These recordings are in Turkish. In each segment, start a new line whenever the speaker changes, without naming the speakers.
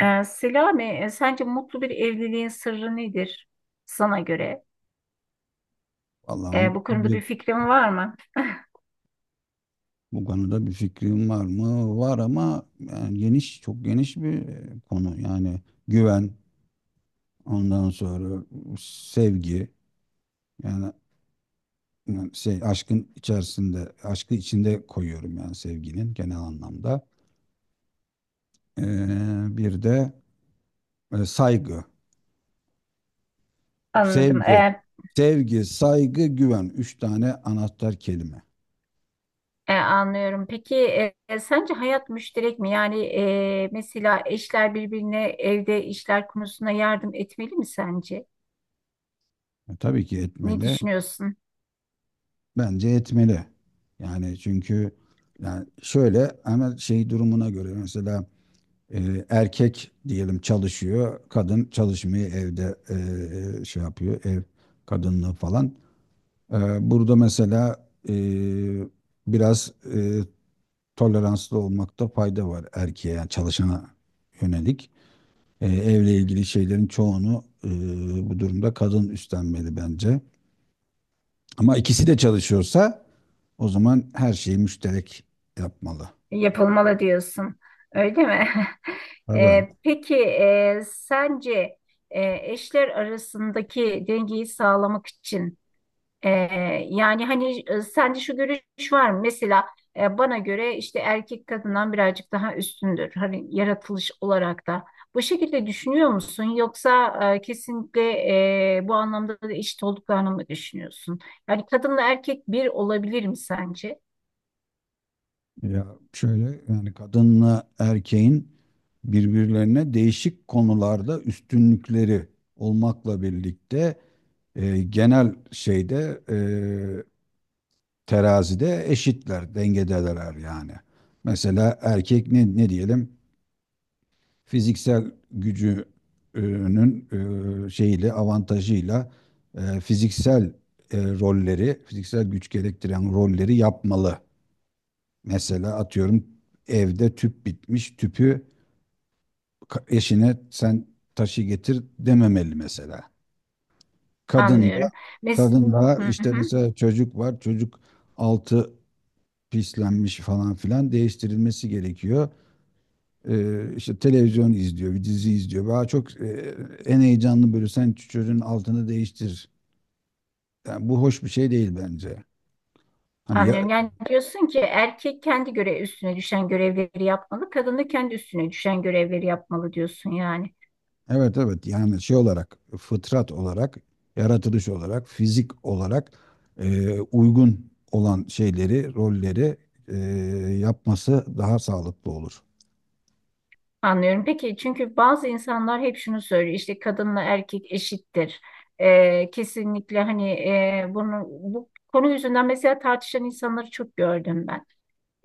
Selami, sence mutlu bir evliliğin sırrı nedir sana göre?
Vallahi mutlu
Bu konuda
bir
bir fikrin var mı?
bu konuda bir fikrim var mı? Var ama yani geniş çok geniş bir konu. Yani güven, ondan sonra sevgi yani, yani şey aşkı içinde koyuyorum yani sevginin genel anlamda. Bir de saygı,
Anladım.
sevgi, sevgi, saygı, güven. Üç tane anahtar kelime.
Anlıyorum. Peki sence hayat müşterek mi? Yani mesela eşler birbirine evde işler konusunda yardım etmeli mi sence?
Tabii ki
Ne
etmeli.
düşünüyorsun?
Bence etmeli. Yani çünkü yani şöyle ama şey durumuna göre mesela erkek diyelim çalışıyor, kadın çalışmıyor evde şey yapıyor ev kadınlığı falan. E, Burada mesela biraz toleranslı olmakta fayda var erkeğe yani çalışana yönelik. Evle ilgili şeylerin çoğunu bu durumda kadın üstlenmeli bence. Ama ikisi de çalışıyorsa o zaman her şeyi müşterek yapmalı.
Yapılmalı diyorsun. Öyle mi?
Tabii.
Peki sence eşler arasındaki dengeyi sağlamak için Ee, yani hani sende şu görüş var mı? Mesela bana göre işte erkek kadından birazcık daha üstündür. Hani yaratılış olarak da. Bu şekilde düşünüyor musun? Yoksa kesinlikle bu anlamda da eşit olduklarını mı düşünüyorsun? Yani kadınla erkek bir olabilir mi sence?
Ya şöyle yani kadınla erkeğin birbirlerine değişik konularda üstünlükleri olmakla birlikte genel şeyde terazide eşitler, dengedeler yani. Mesela erkek ne diyelim? Fiziksel gücünün şeyiyle avantajıyla fiziksel rolleri, fiziksel güç gerektiren rolleri yapmalı. Mesela atıyorum evde tüp bitmiş, tüpü eşine sen taşı getir dememeli mesela. Kadın da,
Anlıyorum. Mes hı
işte
hı,
mesela çocuk var, çocuk altı pislenmiş falan filan değiştirilmesi gerekiyor. İşte televizyon izliyor, bir dizi izliyor. Daha çok en heyecanlı böyle sen çocuğun altını değiştir. Yani bu hoş bir şey değil bence. Hani ya,
anlıyorum. Yani diyorsun ki erkek kendi göre üstüne düşen görevleri yapmalı, kadın da kendi üstüne düşen görevleri yapmalı diyorsun yani.
evet evet yani şey olarak fıtrat olarak yaratılış olarak fizik olarak uygun olan şeyleri rolleri e, yapması daha sağlıklı olur.
Anlıyorum. Peki çünkü bazı insanlar hep şunu söylüyor işte kadınla erkek eşittir. Kesinlikle hani bunu bu konu yüzünden mesela tartışan insanları çok gördüm ben.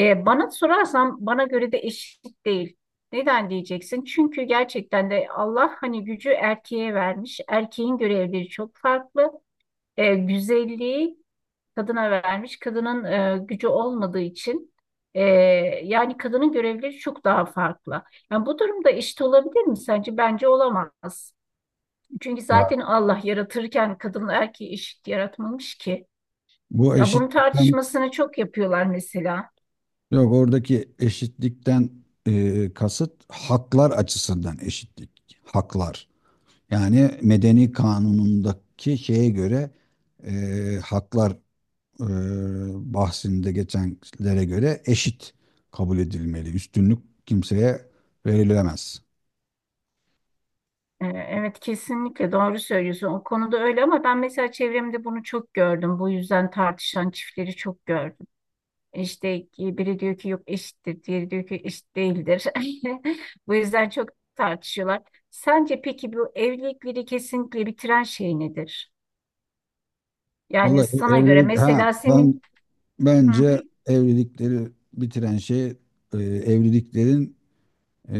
Bana sorarsan bana göre de eşit değil. Neden diyeceksin? Çünkü gerçekten de Allah hani gücü erkeğe vermiş. Erkeğin görevleri çok farklı. Güzelliği kadına vermiş. Kadının gücü olmadığı için e, yani kadının görevleri çok daha farklı. Yani bu durumda eşit olabilir mi sence? Bence olamaz. Çünkü
Ya.
zaten Allah yaratırken kadın erkeği eşit yaratmamış ki.
Bu
Ya bunun
eşitlikten
tartışmasını çok yapıyorlar mesela.
Yok, oradaki eşitlikten kasıt haklar açısından eşitlik. Haklar. Yani medeni kanunundaki şeye göre haklar e, bahsinde geçenlere göre eşit kabul edilmeli. Üstünlük kimseye verilemez.
Evet kesinlikle doğru söylüyorsun. O konuda öyle ama ben mesela çevremde bunu çok gördüm. Bu yüzden tartışan çiftleri çok gördüm. İşte ki biri diyor ki yok eşittir, diğeri diyor ki eşit değildir. Bu yüzden çok tartışıyorlar. Sence peki bu evlilikleri kesinlikle bitiren şey nedir? Yani
Vallahi
sana göre
evlilik ha
mesela
ben
senin Hı hı.
bence evlilikleri bitiren şey evliliklerin e,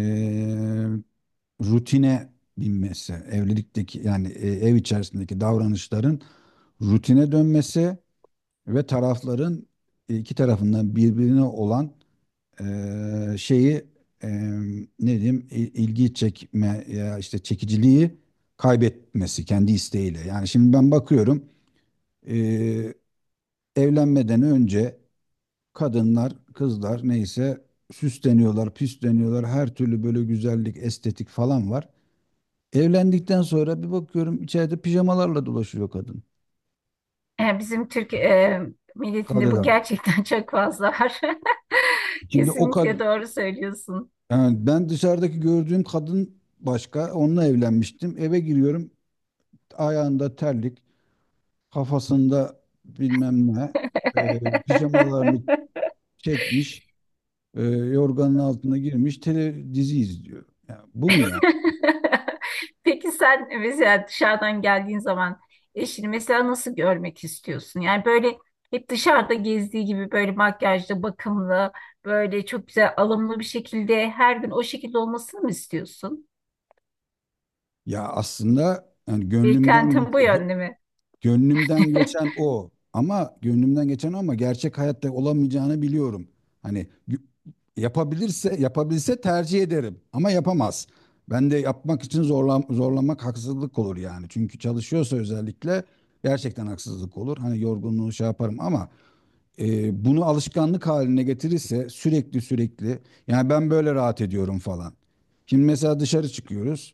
rutine binmesi, evlilikteki yani ev içerisindeki davranışların rutine dönmesi ve tarafların iki tarafından birbirine olan şeyi e, ne diyeyim, ilgi çekme ya işte çekiciliği kaybetmesi kendi isteğiyle. Yani şimdi ben bakıyorum e, evlenmeden önce kadınlar, kızlar neyse süsleniyorlar, püsleniyorlar. Her türlü böyle güzellik, estetik falan var. Evlendikten sonra bir bakıyorum içeride pijamalarla dolaşıyor kadın.
Bizim Türk milletinde bu
Kadın.
gerçekten çok fazla var.
Şimdi o
Kesinlikle
kadın
doğru söylüyorsun.
yani ben dışarıdaki gördüğüm kadın başka. Onunla evlenmiştim. Eve giriyorum. Ayağında terlik, kafasında bilmem ne, pijamalarını çekmiş, yorganın altına girmiş, dizi izliyor. Ya bu mu ya?
Peki sen mesela dışarıdan geldiğin zaman eşini mesela nasıl görmek istiyorsun? Yani böyle hep dışarıda gezdiği gibi böyle makyajlı, bakımlı, böyle çok güzel alımlı bir şekilde her gün o şekilde olmasını mı istiyorsun?
Ya aslında yani gönlümden
Beklentin bu
geçti.
yönde mi?
Gönlümden geçen o. Ama gönlümden geçen o ama gerçek hayatta olamayacağını biliyorum. Hani gü- yapabilirse yapabilse tercih ederim ama yapamaz. Ben de yapmak için zorlamak haksızlık olur yani. Çünkü çalışıyorsa özellikle gerçekten haksızlık olur. Hani yorgunluğu şey yaparım ama bunu alışkanlık haline getirirse sürekli sürekli yani ben böyle rahat ediyorum falan. Şimdi mesela dışarı çıkıyoruz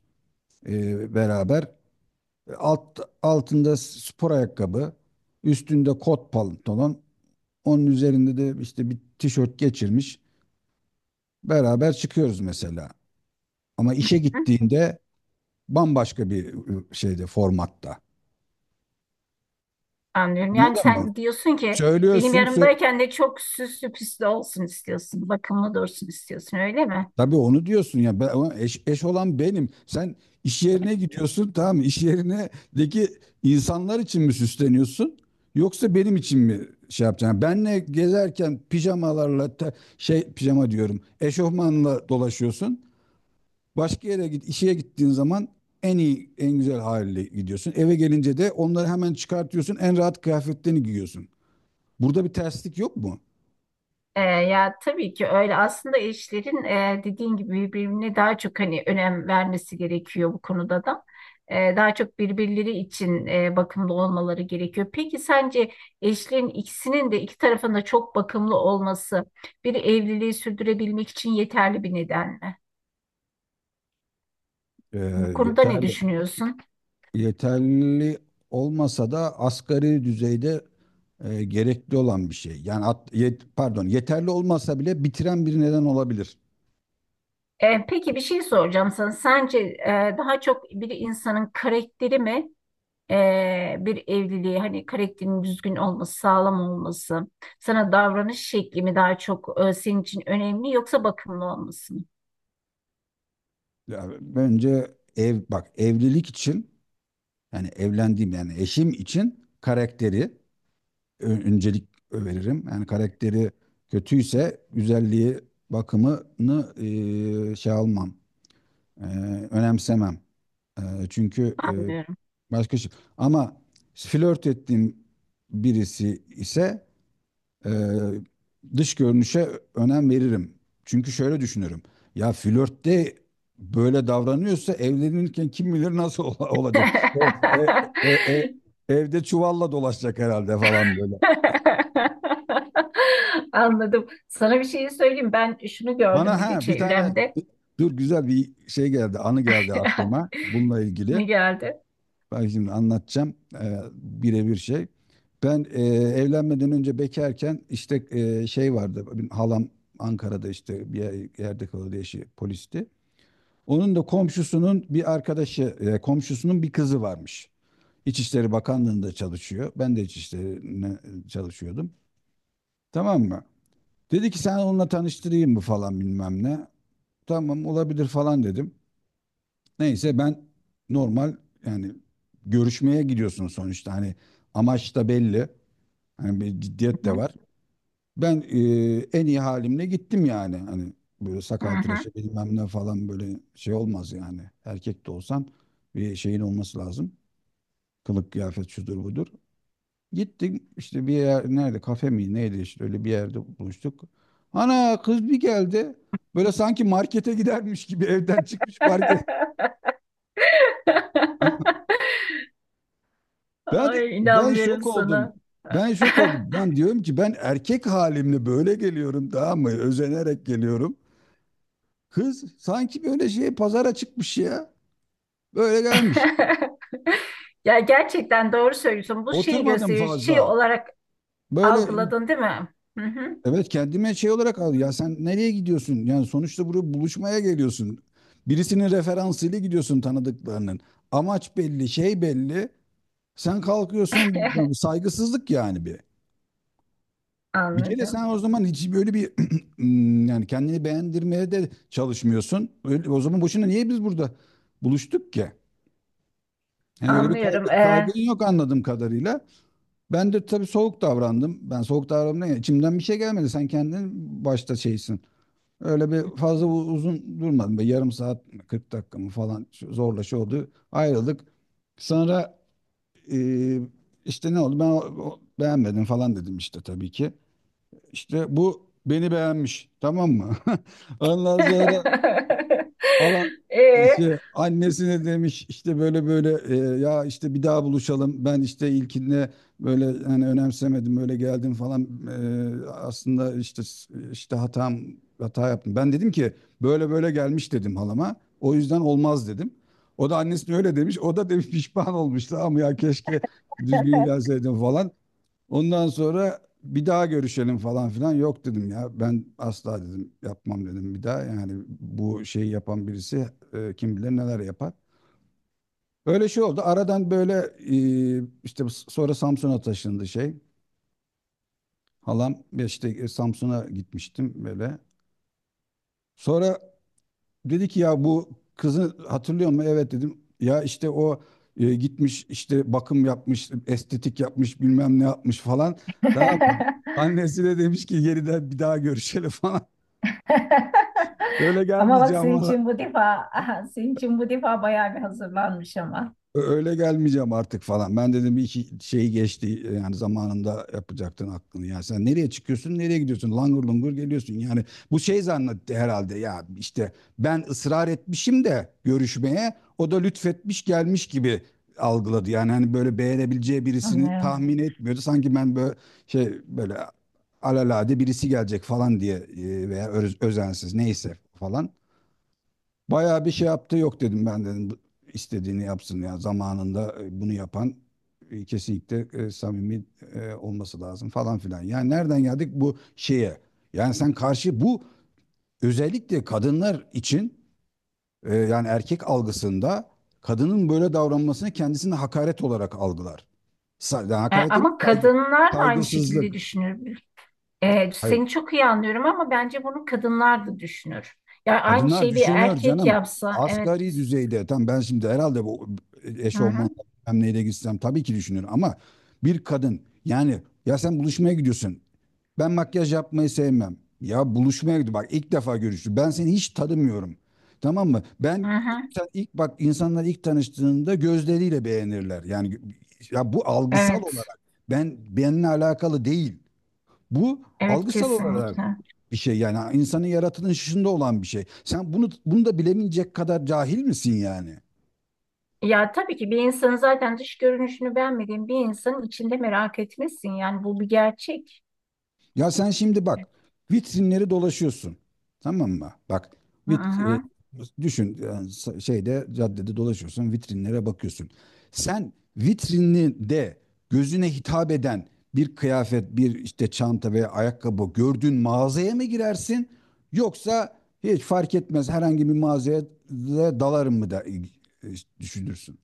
beraber. Altında spor ayakkabı, üstünde kot pantolon, onun üzerinde de işte bir tişört geçirmiş. Beraber çıkıyoruz mesela. Ama işe gittiğinde bambaşka bir şeyde formatta.
Anlıyorum. Yani
Anladın mı?
sen diyorsun ki benim
Söylüyorsun, sö-
yanımdayken de çok süslü püslü olsun istiyorsun. Bakımlı dursun istiyorsun öyle mi?
Tabii onu diyorsun ya. Ben, ama eş olan benim. Sen iş yerine gidiyorsun tamam mı? İş yerindeki insanlar için mi süsleniyorsun? Yoksa benim için mi şey yapacaksın? Yani benle gezerken pijamalarla şey pijama diyorum. Eşofmanla dolaşıyorsun. Başka yere git, işe gittiğin zaman en iyi, en güzel haliyle gidiyorsun. Eve gelince de onları hemen çıkartıyorsun. En rahat kıyafetlerini giyiyorsun. Burada bir terslik yok mu?
Ya tabii ki öyle. Aslında eşlerin dediğin gibi birbirine daha çok hani önem vermesi gerekiyor bu konuda da. Daha çok birbirleri için bakımlı olmaları gerekiyor. Peki sence eşlerin ikisinin de iki tarafında çok bakımlı olması bir evliliği sürdürebilmek için yeterli bir neden mi? Bu
Ee,
konuda ne
Yeterli.
düşünüyorsun?
Yeterli olmasa da asgari düzeyde gerekli olan bir şey. Yani pardon, yeterli olmasa bile bitiren bir neden olabilir.
Peki bir şey soracağım sana. Sence daha çok bir insanın karakteri mi? Bir evliliği hani karakterin düzgün olması, sağlam olması, sana davranış şekli mi daha çok senin için önemli yoksa bakımlı olması mı?
Yani bence ev bak evlilik için yani evlendiğim yani eşim için karakteri öncelik veririm. Yani karakteri kötüyse güzelliği bakımını şey almam e, önemsemem. E, Çünkü
Anlıyorum.
başka şey. Ama flört ettiğim birisi ise e, dış görünüşe önem veririm. Çünkü şöyle düşünürüm. Ya flörtte böyle davranıyorsa evlenirken kim bilir nasıl olacak. E, e, e, e, evde çuvalla dolaşacak herhalde falan böyle.
Anladım. Sana bir şey söyleyeyim. Ben şunu gördüm
Bana
bir de
ha bir tane
çevremde.
dur güzel bir şey geldi, anı geldi aklıma bununla ilgili.
Ne geldi?
Bak şimdi anlatacağım birebir şey. Ben evlenmeden önce bekarken işte şey vardı. Benim halam Ankara'da işte bir yerde kalıyordu, eşi polisti. Onun da komşusunun bir arkadaşı, komşusunun bir kızı varmış. İçişleri Bakanlığı'nda çalışıyor. Ben de İçişleri'ne çalışıyordum. Tamam mı? Dedi ki sen onunla tanıştırayım mı falan bilmem ne. Tamam olabilir falan dedim. Neyse ben normal yani görüşmeye gidiyorsun sonuçta hani amaç da belli. Hani bir ciddiyet
Hı hı.
de var. Ben en iyi halimle gittim yani. Hani böyle
Hı
sakal
hı.
tıraşı bilmem ne falan böyle şey olmaz yani. Erkek de olsan bir şeyin olması lazım. Kılık kıyafet şudur budur. Gittim işte bir yer nerede, kafe mi neydi işte öyle bir yerde buluştuk. Ana kız bir geldi. Böyle sanki markete gidermiş gibi evden çıkmış market. Ben
Ay
ben
inanmıyorum
şok oldum.
sana.
Ben şok oldum. Ben diyorum ki ben erkek halimle böyle geliyorum tamam mı? Özenerek geliyorum. Kız sanki böyle şey pazara çıkmış ya. Böyle gelmiş.
Ya gerçekten doğru söylüyorsun. Bu şeyi
Oturmadım
gösteriyor, şey
fazla.
olarak
Böyle
algıladın değil mi? Hı hı.
evet kendime şey olarak al. Ya sen nereye gidiyorsun? Yani sonuçta buraya buluşmaya geliyorsun. Birisinin referansıyla gidiyorsun tanıdıklarının. Amaç belli, şey belli. Sen kalkıyorsun yani saygısızlık yani bir. Bir kere
Anladım.
sen o zaman hiç böyle bir yani kendini beğendirmeye de çalışmıyorsun. Öyle, o zaman boşuna niye biz burada buluştuk ki? Yani öyle bir
Anlıyorum.
kaygın yok anladığım kadarıyla. Ben de tabii soğuk davrandım. Ben soğuk davrandım derken içimden bir şey gelmedi. Sen kendin başta şeysin. Öyle bir fazla uzun durmadım. Böyle yarım saat, 40 dakika mı falan zorla şey oldu. Ayrıldık. Sonra e, işte ne oldu? Ben beğenmedim falan dedim işte tabii ki. İşte bu beni beğenmiş tamam mı? Ondan sonra ala
Ee?
işte annesine demiş işte böyle böyle ya işte bir daha buluşalım. Ben işte ilkinde böyle hani önemsemedim böyle geldim falan. Aslında işte hatam hata yaptım. Ben dedim ki böyle böyle gelmiş dedim halama. O yüzden olmaz dedim. O da annesine öyle demiş. O da demiş pişman olmuş ama ya keşke düzgün gelseydim falan. Ondan sonra bir daha görüşelim falan filan. Yok dedim ya. Ben asla dedim yapmam dedim bir daha. Yani bu şeyi yapan birisi kim bilir neler yapar. Öyle şey oldu. Aradan böyle işte sonra Samsun'a taşındı şey. Halam işte Samsun'a gitmiştim böyle. Sonra dedi ki ya bu kızı hatırlıyor musun? Evet dedim. Ya işte o gitmiş işte bakım yapmış, estetik yapmış, bilmem ne yapmış falan. Tamam mı? Annesi de demiş ki geriden bir daha görüşelim falan. Öyle
Ama bak
gelmeyeceğim
senin
falan.
için bu defa aha, senin için bu defa bayağı bir hazırlanmış ama.
Öyle gelmeyeceğim artık falan. Ben dedim bir iki şey geçti yani zamanında yapacaktın aklını. Yani sen nereye çıkıyorsun, nereye gidiyorsun? Langır lungur geliyorsun. Yani bu şey zannetti herhalde ya işte ben ısrar etmişim de görüşmeye o da lütfetmiş gelmiş gibi algıladı. Yani hani böyle beğenebileceği birisini
Anlıyorum.
tahmin etmiyordu. Sanki ben böyle şey böyle alalade birisi gelecek falan diye veya özensiz neyse falan. Bayağı bir şey yaptı, yok dedim, ben dedim istediğini yapsın, ya zamanında bunu yapan kesinlikle samimi olması lazım falan filan. Yani nereden geldik bu şeye? Yani sen karşı bu özellikle kadınlar için yani erkek algısında kadının böyle davranmasını kendisine hakaret olarak algılar. Yani hakaret değil mi?
Ama
Saygı,
kadınlar da aynı şekilde
saygısızlık.
düşünür.
Hayır,
Seni çok iyi anlıyorum ama bence bunu kadınlar da düşünür. Ya aynı
kadınlar
şeyi bir
düşünür
erkek
canım.
yapsa, evet.
Asgari düzeyde tam ben şimdi herhalde bu
Hı
eşofman
hı,
bilmem neyle gitsem tabii ki düşünür ama bir kadın yani ya sen buluşmaya gidiyorsun. Ben makyaj yapmayı sevmem. Ya buluşmaya gidiyor. Bak ilk defa görüştük. Ben seni hiç tanımıyorum. Tamam mı? Ben
hı hı.
sen ilk bak, insanlar ilk tanıştığında gözleriyle beğenirler. Yani ya bu algısal
Evet,
olarak benimle alakalı değil. Bu
evet
algısal olarak
kesinlikle.
bir şey yani insanın yaratılışında olan bir şey. Sen bunu da bilemeyecek kadar cahil misin yani?
Ya tabii ki bir insanın zaten dış görünüşünü beğenmediğin bir insanın içinde merak etmesin. Yani bu bir gerçek.
Ya sen şimdi bak vitrinleri dolaşıyorsun. Tamam mı? Bak
Hı
vit, e,
hı.
düşün yani şeyde caddede dolaşıyorsun vitrinlere bakıyorsun. Sen vitrininde gözüne hitap eden bir kıyafet, bir işte çanta veya ayakkabı gördüğün mağazaya mı girersin? Yoksa hiç fark etmez herhangi bir mağazaya da dalarım mı da e, düşünürsün?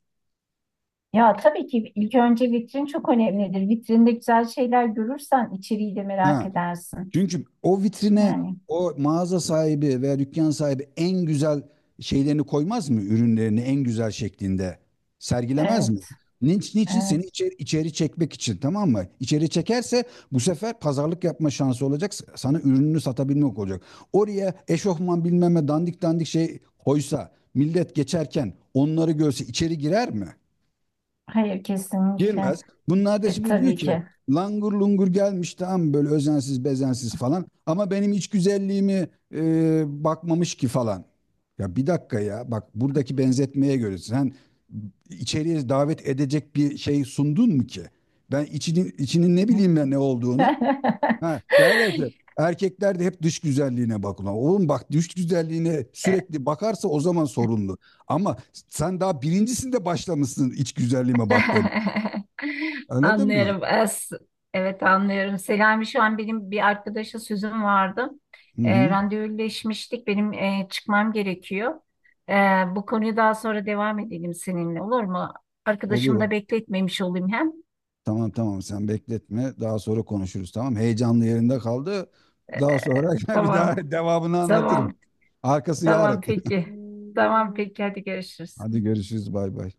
Ya tabii ki ilk önce vitrin çok önemlidir. Vitrinde güzel şeyler görürsen içeriği de merak
Ha.
edersin.
Çünkü o vitrine
Yani
o mağaza sahibi veya dükkan sahibi en güzel şeylerini koymaz mı? Ürünlerini en güzel şeklinde sergilemez mi?
evet,
Niçin, niçin seni
evet.
içeri, içeri çekmek için? Tamam mı? İçeri çekerse bu sefer pazarlık yapma şansı olacak. Sana ürününü satabilmek olacak. Oraya eşofman bilmem ne dandik dandik şey koysa millet geçerken onları görse içeri girer mi?
Hayır kesinlikle.
Girmez. Bunlar da şimdi diyor
Tabii
ki
ki.
langur lungur gelmiş, tamam böyle özensiz bezensiz falan, ama benim iç güzelliğimi bakmamış ki falan. Ya bir dakika ya, bak buradaki benzetmeye göre sen içeriye davet edecek bir şey sundun mu ki? Ben içinin ne bileyim ben ne olduğunu. Ha, derler ki erkekler de hep dış güzelliğine bakıyorlar. Oğlum bak, dış güzelliğine
E,
sürekli bakarsa o zaman sorunlu. Ama sen daha birincisinde başlamışsın iç güzelliğime bak demeye. Anladın mı?
anlıyorum. Evet anlıyorum. Selami şu an benim bir arkadaşa sözüm vardı.
Hı hı.
Randevuleşmiştik. Benim çıkmam gerekiyor. E, bu konuyu daha sonra devam edelim seninle olur mu?
Olur.
Arkadaşımı
O.
da bekletmemiş olayım hem.
Tamam tamam sen bekletme. Daha sonra konuşuruz tamam. Heyecanlı yerinde kaldı. Daha sonra bir
Tamam.
daha devamını anlatırım.
Tamam.
Arkası
Tamam
yarın.
peki. Tamam peki. Hadi görüşürüz.
Hadi görüşürüz bay bay.